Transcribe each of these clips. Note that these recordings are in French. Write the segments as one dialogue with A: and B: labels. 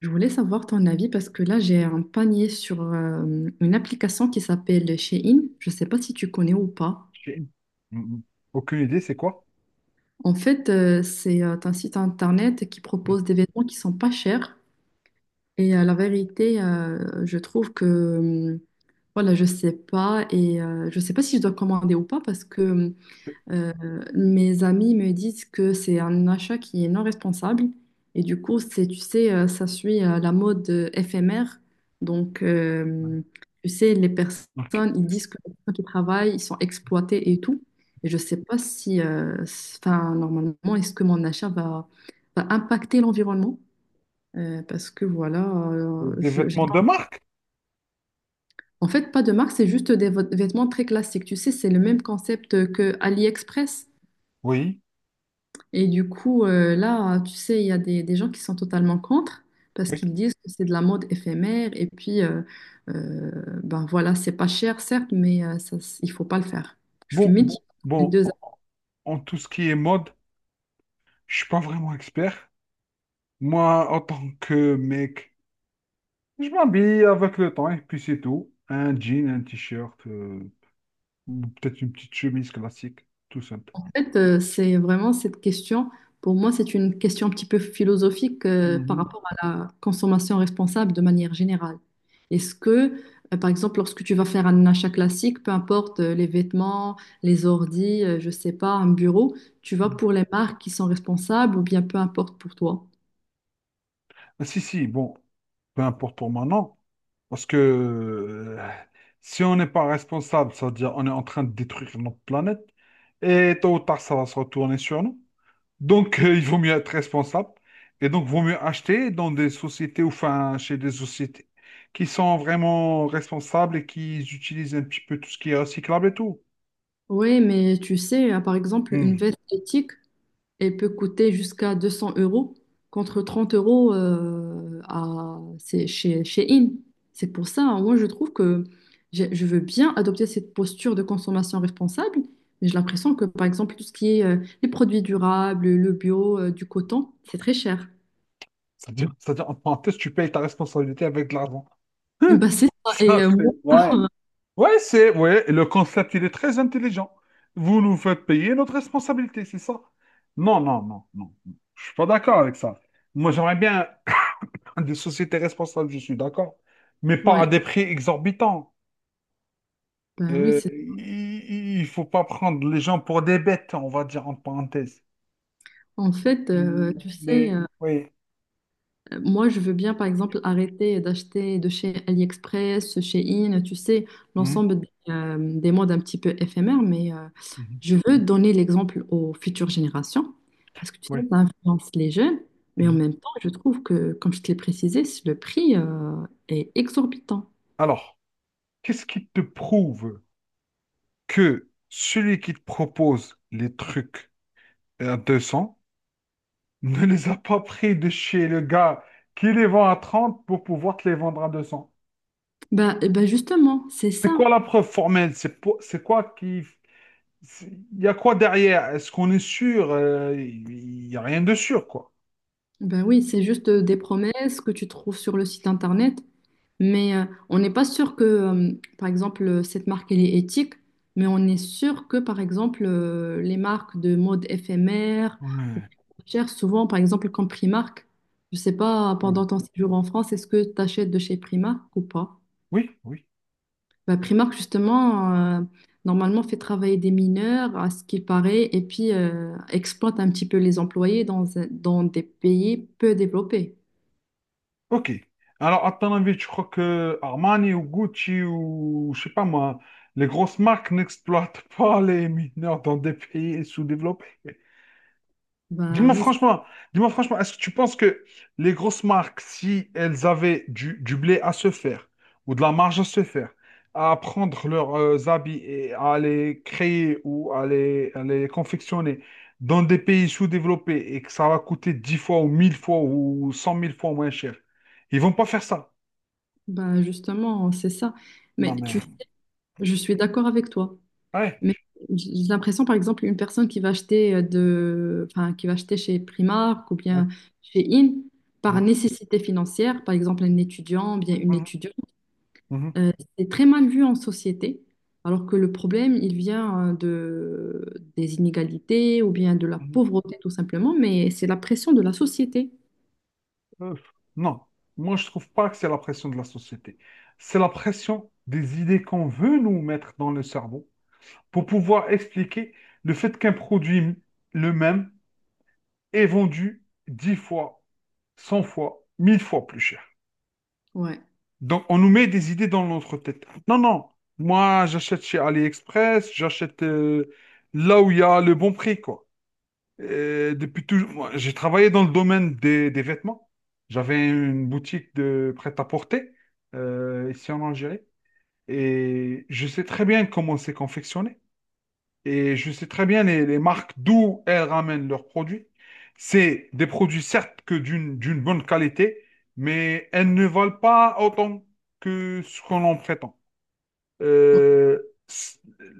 A: Je voulais savoir ton avis parce que là, j'ai un panier sur une application qui s'appelle Shein. Je ne sais pas si tu connais ou pas.
B: J'ai Mhm. aucune idée, c'est quoi?
A: En fait, c'est un site internet qui
B: Mm.
A: propose des vêtements qui sont pas chers. Et la vérité, je trouve que, voilà, je sais pas. Et je sais pas si je dois commander ou pas parce que Euh, mes amis me disent que c'est un achat qui est non responsable, et du coup, c'est, tu sais, ça suit la mode éphémère. Donc, tu sais, les
B: Ok.
A: personnes, ils disent que les personnes qui travaillent, ils sont exploités et tout. Et je sais pas si, enfin, normalement, est-ce que mon achat va, va impacter l'environnement? Parce que voilà,
B: Des vêtements de marque?
A: en fait, pas de marque, c'est juste des vêtements très classiques. Tu sais, c'est le même concept que AliExpress.
B: Oui,
A: Et du coup, là, tu sais, il y a des gens qui sont totalement contre parce
B: oui.
A: qu'ils disent que c'est de la mode éphémère et puis, euh, ben voilà, c'est pas cher, certes, mais ça, il faut pas le faire. Je suis
B: Bon,
A: mitigée
B: bon,
A: entre les
B: bon,
A: deux.
B: en tout ce qui est mode, je suis pas vraiment expert. Moi, en tant que mec, je m'habille avec le temps et puis c'est tout. Un jean, un t-shirt, ou peut-être une petite chemise classique, tout simple.
A: En fait, c'est vraiment cette question, pour moi, c'est une question un petit peu philosophique par
B: Mm-hmm.
A: rapport à la consommation responsable de manière générale. Est-ce que, par exemple, lorsque tu vas faire un achat classique, peu importe les vêtements, les ordi, je sais pas, un bureau, tu vas pour les marques qui sont responsables ou bien peu importe pour toi?
B: Ah, si, si, bon, peu importe pour moi, non. Parce que si on n'est pas responsable, ça veut dire on est en train de détruire notre planète, et tôt ou tard, ça va se retourner sur nous. Donc, il vaut mieux être responsable, et donc, vaut mieux acheter dans des sociétés, ou enfin, chez des sociétés qui sont vraiment responsables et qui utilisent un petit peu tout ce qui est recyclable et tout.
A: Oui, mais tu sais, par exemple, une
B: Hmm.
A: veste éthique, elle peut coûter jusqu'à 200 € contre 30 € à, c'est chez, chez In. C'est pour ça, hein, moi je trouve que je veux bien adopter cette posture de consommation responsable, mais j'ai l'impression que par exemple tout ce qui est les produits durables, le bio, du coton, c'est très cher.
B: C'est-à-dire, en parenthèse, tu payes ta responsabilité avec de l'argent.
A: Et ben, c'est ça. Et moi,
B: Ouais. Ouais, c'est, ouais, le concept, il est très intelligent. Vous nous faites payer notre responsabilité, c'est ça? Non, non, non, non. Je suis pas d'accord avec ça. Moi, j'aimerais bien des sociétés responsables, je suis d'accord, mais pas
A: ouais,
B: à des prix exorbitants.
A: ben oui, c'est,
B: Il faut pas prendre les gens pour des bêtes, on va dire en parenthèse.
A: en fait, tu
B: Les,
A: sais,
B: oui.
A: moi, je veux bien, par exemple, arrêter d'acheter de chez AliExpress, chez In, tu sais,
B: Mhm,
A: l'ensemble des modes un petit peu éphémères, mais
B: mhm,
A: je veux donner l'exemple aux futures générations, parce que tu sais,
B: oui,
A: ça influence les jeunes, mais en
B: mhm.
A: même temps, je trouve que, comme je te l'ai précisé, le prix est exorbitant.
B: Alors, qu'est-ce qui te prouve que celui qui te propose les trucs à 200 ne les a pas pris de chez le gars qui les vend à 30 pour pouvoir te les vendre à 200.
A: Bah, eh ben justement, c'est ça.
B: C'est quoi la preuve formelle? C'est po- c'est quoi qui... c'est- Il y a quoi derrière? Est-ce qu'on est sûr? Il n'y a rien de sûr, quoi.
A: Ben oui, c'est juste des promesses que tu trouves sur le site internet. Mais on n'est pas sûr que, par exemple, cette marque, elle est éthique, mais on est sûr que, par exemple, les marques de mode éphémère ou
B: Ouais.
A: chères, souvent, par exemple, comme Primark, je sais pas, pendant ton séjour en France, est-ce que tu achètes de chez Primark ou pas?
B: Oui, oui.
A: Bah, Primark, justement, euh, normalement, fait travailler des mineurs, à ce qu'il paraît, et puis exploite un petit peu les employés dans, dans des pays peu développés.
B: Ok. Alors, à ton avis, tu crois que Armani ou Gucci ou, je sais pas moi, les grosses marques n'exploitent pas les mineurs dans des pays sous-développés?
A: Bah
B: Dis-moi
A: oui, c'est-
B: franchement, dis-moi franchement, est-ce que tu penses que les grosses marques, si elles avaient du blé à se faire ou de la marge à se faire, à prendre leurs habits et à les créer ou à les confectionner dans des pays sous-développés et que ça va coûter 10 fois ou 1000 fois ou 100 000 fois moins cher, ils vont pas faire ça.
A: bah, justement, c'est ça. Mais
B: Non
A: tu
B: mais
A: sais, je suis d'accord avec toi.
B: ouais.
A: Mais j'ai l'impression, par exemple, une personne qui va acheter enfin, qui va acheter chez Primark ou
B: Ouais.
A: bien chez In par
B: Mhm,
A: nécessité financière, par exemple un étudiant ou bien une étudiante,
B: mhm,
A: euh, c'est très mal vu en société, alors que le problème, il vient des inégalités ou bien de la
B: mhm.
A: pauvreté tout simplement, mais c'est la pression de la société.
B: Euh, non, moi je trouve pas que c'est la pression de la société. C'est la pression des idées qu'on veut nous mettre dans le cerveau pour pouvoir expliquer le fait qu'un produit le même est vendu 10 fois, 100 fois, 1000 fois plus cher.
A: Ouais.
B: Donc on nous met des idées dans notre tête. Non, non, moi j'achète chez AliExpress, j'achète là où il y a le bon prix, quoi. Depuis toujours, moi, j'ai travaillé dans le domaine des vêtements. J'avais une boutique de prêt-à-porter ici en Algérie et je sais très bien comment c'est confectionné et je sais très bien les marques d'où elles ramènent leurs produits. C'est des produits certes que d'une bonne qualité, mais elles ne valent pas autant que ce qu'on en prétend.
A: Ouais.
B: euh,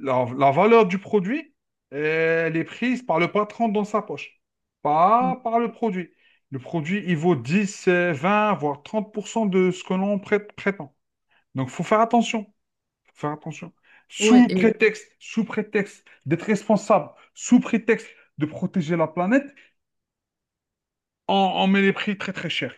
B: la, la valeur du produit, elle est prise par le patron dans sa poche,
A: Ouais.
B: pas par le produit. Le produit, il vaut 10, 20, voire 30% de ce que l'on prétend. Donc, faut faire attention. Faut faire attention.
A: Ouais,
B: Sous prétexte d'être responsable, sous prétexte de protéger la planète, on met les prix très très chers.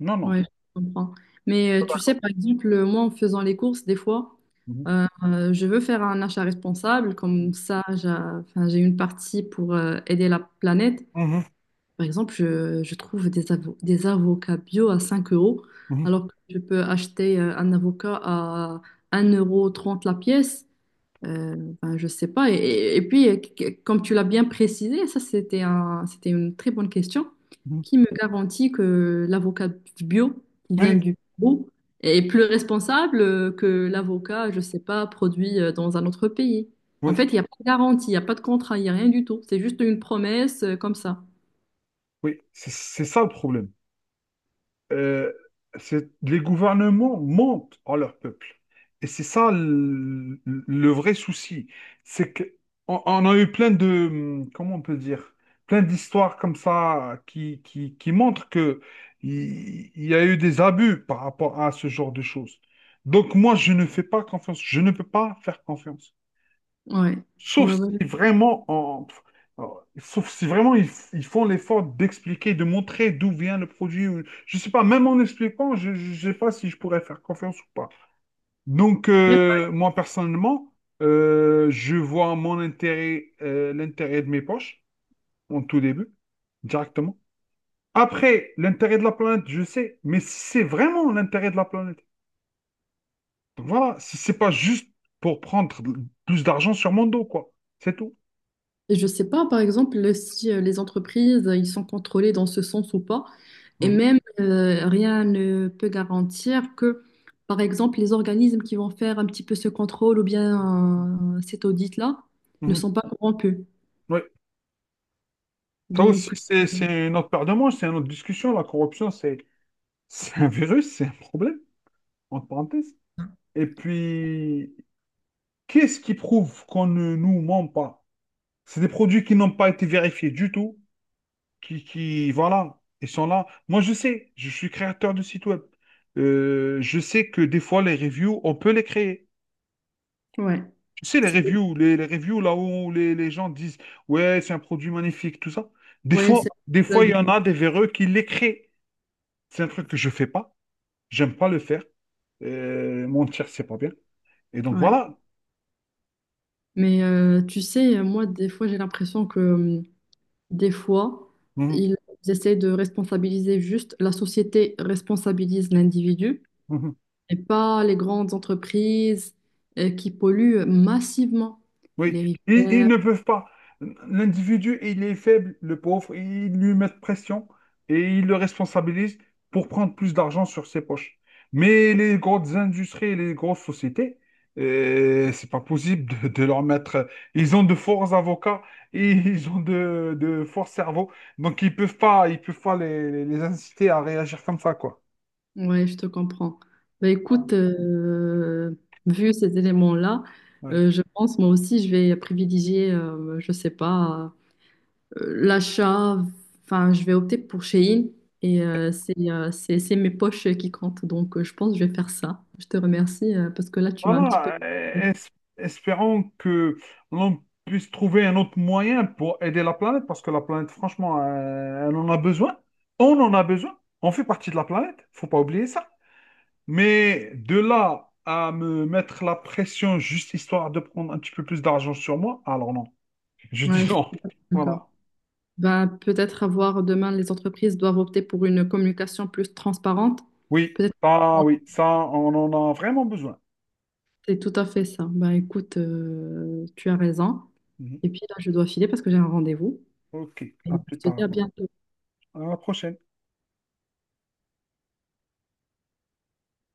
B: Non, non.
A: ouais, je comprends. Mais tu sais,
B: D'accord.
A: par exemple, moi, en faisant les courses, des fois,
B: Mhm.
A: je veux faire un achat responsable. Comme ça, enfin, j'ai une partie pour aider la planète.
B: Mhm.
A: Par exemple, je trouve des, des avocats bio à 5 euros,
B: Mhm.
A: alors que je peux acheter un avocat à 1,30 € la pièce. Euh, ben, je sais pas. Et puis, comme tu l'as bien précisé, ça c'était un, c'était une très bonne question.
B: Mhm.
A: Qui me garantit que l'avocat bio qui vient
B: Oui,
A: du Pérou est plus responsable que l'avocat, je sais pas, produit dans un autre pays? En
B: oui,
A: fait, il n'y a pas de garantie, il n'y a pas de contrat, il n'y a rien du tout. C'est juste une promesse comme ça.
B: oui. C'est ça le problème. euh, les gouvernements mentent à leur peuple. Et c'est ça le vrai souci. C'est que on a eu plein de, comment on peut dire, plein d'histoires comme ça qui montrent que il y a eu des abus par rapport à ce genre de choses. Donc moi, je ne fais pas confiance. Je ne peux pas faire confiance.
A: Ouais.
B: Sauf
A: Ouais, ouais.
B: si vraiment, sauf si vraiment ils font l'effort d'expliquer, de montrer d'où vient le produit. Je sais pas, même en expliquant, je ne sais pas si je pourrais faire confiance ou pas. Donc,
A: Même.
B: moi, personnellement, je vois mon intérêt, l'intérêt de mes poches, en tout début, directement. Après, l'intérêt de la planète, je sais, mais si c'est vraiment l'intérêt de la planète, donc voilà, si c'est pas juste pour prendre plus d'argent sur mon dos, quoi. C'est tout.
A: Et je sais pas, par exemple, si les entreprises, ils sont contrôlés dans ce sens ou pas. Et
B: Mhm.
A: même, rien ne peut garantir que, par exemple, les organismes qui vont faire un petit peu ce contrôle ou bien cet audit-là ne
B: Mhm.
A: sont pas corrompus.
B: Oui. Ça
A: Donc,
B: aussi, c'est une autre paire de manches, c'est une autre discussion. La corruption, c'est c'est un virus, c'est un problème, entre parenthèses. Et puis, qu'est-ce qui prouve qu'on ne nous ment pas? C'est des produits qui n'ont pas été vérifiés du tout, voilà, ils sont là. Moi, je sais, je suis créateur de site web. Je sais que des fois, les reviews, on peut les créer.
A: ouais,
B: Tu sais, les
A: c'est,
B: reviews, les reviews là où les gens disent, ouais, c'est un produit magnifique, tout ça. Des
A: ouais,
B: fois,
A: c'est
B: des
A: mon
B: fois, il
A: avis,
B: y en a des véreux qui les créent. C'est un truc que je fais pas. J'aime pas le faire. Mentir, c'est pas bien. Et donc
A: ouais.
B: voilà.
A: Mais tu sais, moi, des fois, j'ai l'impression que, des fois,
B: Mhm,
A: ils essaient de responsabiliser juste, la société responsabilise l'individu,
B: mhm.
A: et pas les grandes entreprises qui polluent massivement
B: Oui,
A: les
B: ils
A: rivières.
B: ne peuvent pas. L'individu, il est faible, le pauvre, ils lui mettent pression et ils le responsabilisent pour prendre plus d'argent sur ses poches. Mais les grosses industries et les grosses sociétés, c'est pas possible de leur mettre. Ils ont de forts avocats et ils ont de forts cerveaux, donc ils peuvent pas les inciter à réagir comme ça, quoi.
A: Ouais, je te comprends. Bah,
B: Ah.
A: écoute, vu ces éléments-là,
B: Ouais.
A: je pense moi aussi je vais privilégier, je sais pas, l'achat. Enfin, je vais opter pour Shein et c'est mes poches qui comptent. Donc, je pense que je vais faire ça. Je te remercie parce que là, tu m'as un petit peu.
B: Voilà, espérons que l'on puisse trouver un autre moyen pour aider la planète, parce que la planète, franchement, elle en a besoin. On en a besoin. On fait partie de la planète, faut pas oublier ça. Mais de là à me mettre la pression juste histoire de prendre un petit peu plus d'argent sur moi, alors non. Je dis
A: Ouais, je suis
B: non.
A: d'accord.
B: Voilà.
A: Ben, peut-être avoir demain, les entreprises doivent opter pour une communication plus transparente.
B: Oui,
A: Peut-être que
B: ah oui, ça, on en a vraiment besoin.
A: c'est tout à fait ça. Ben, écoute, tu as raison.
B: Mhm.
A: Et puis là, je dois filer parce que j'ai un rendez-vous.
B: Ok,
A: Et
B: à plus
A: je te dis
B: tard,
A: à bientôt.
B: alors. À la prochaine.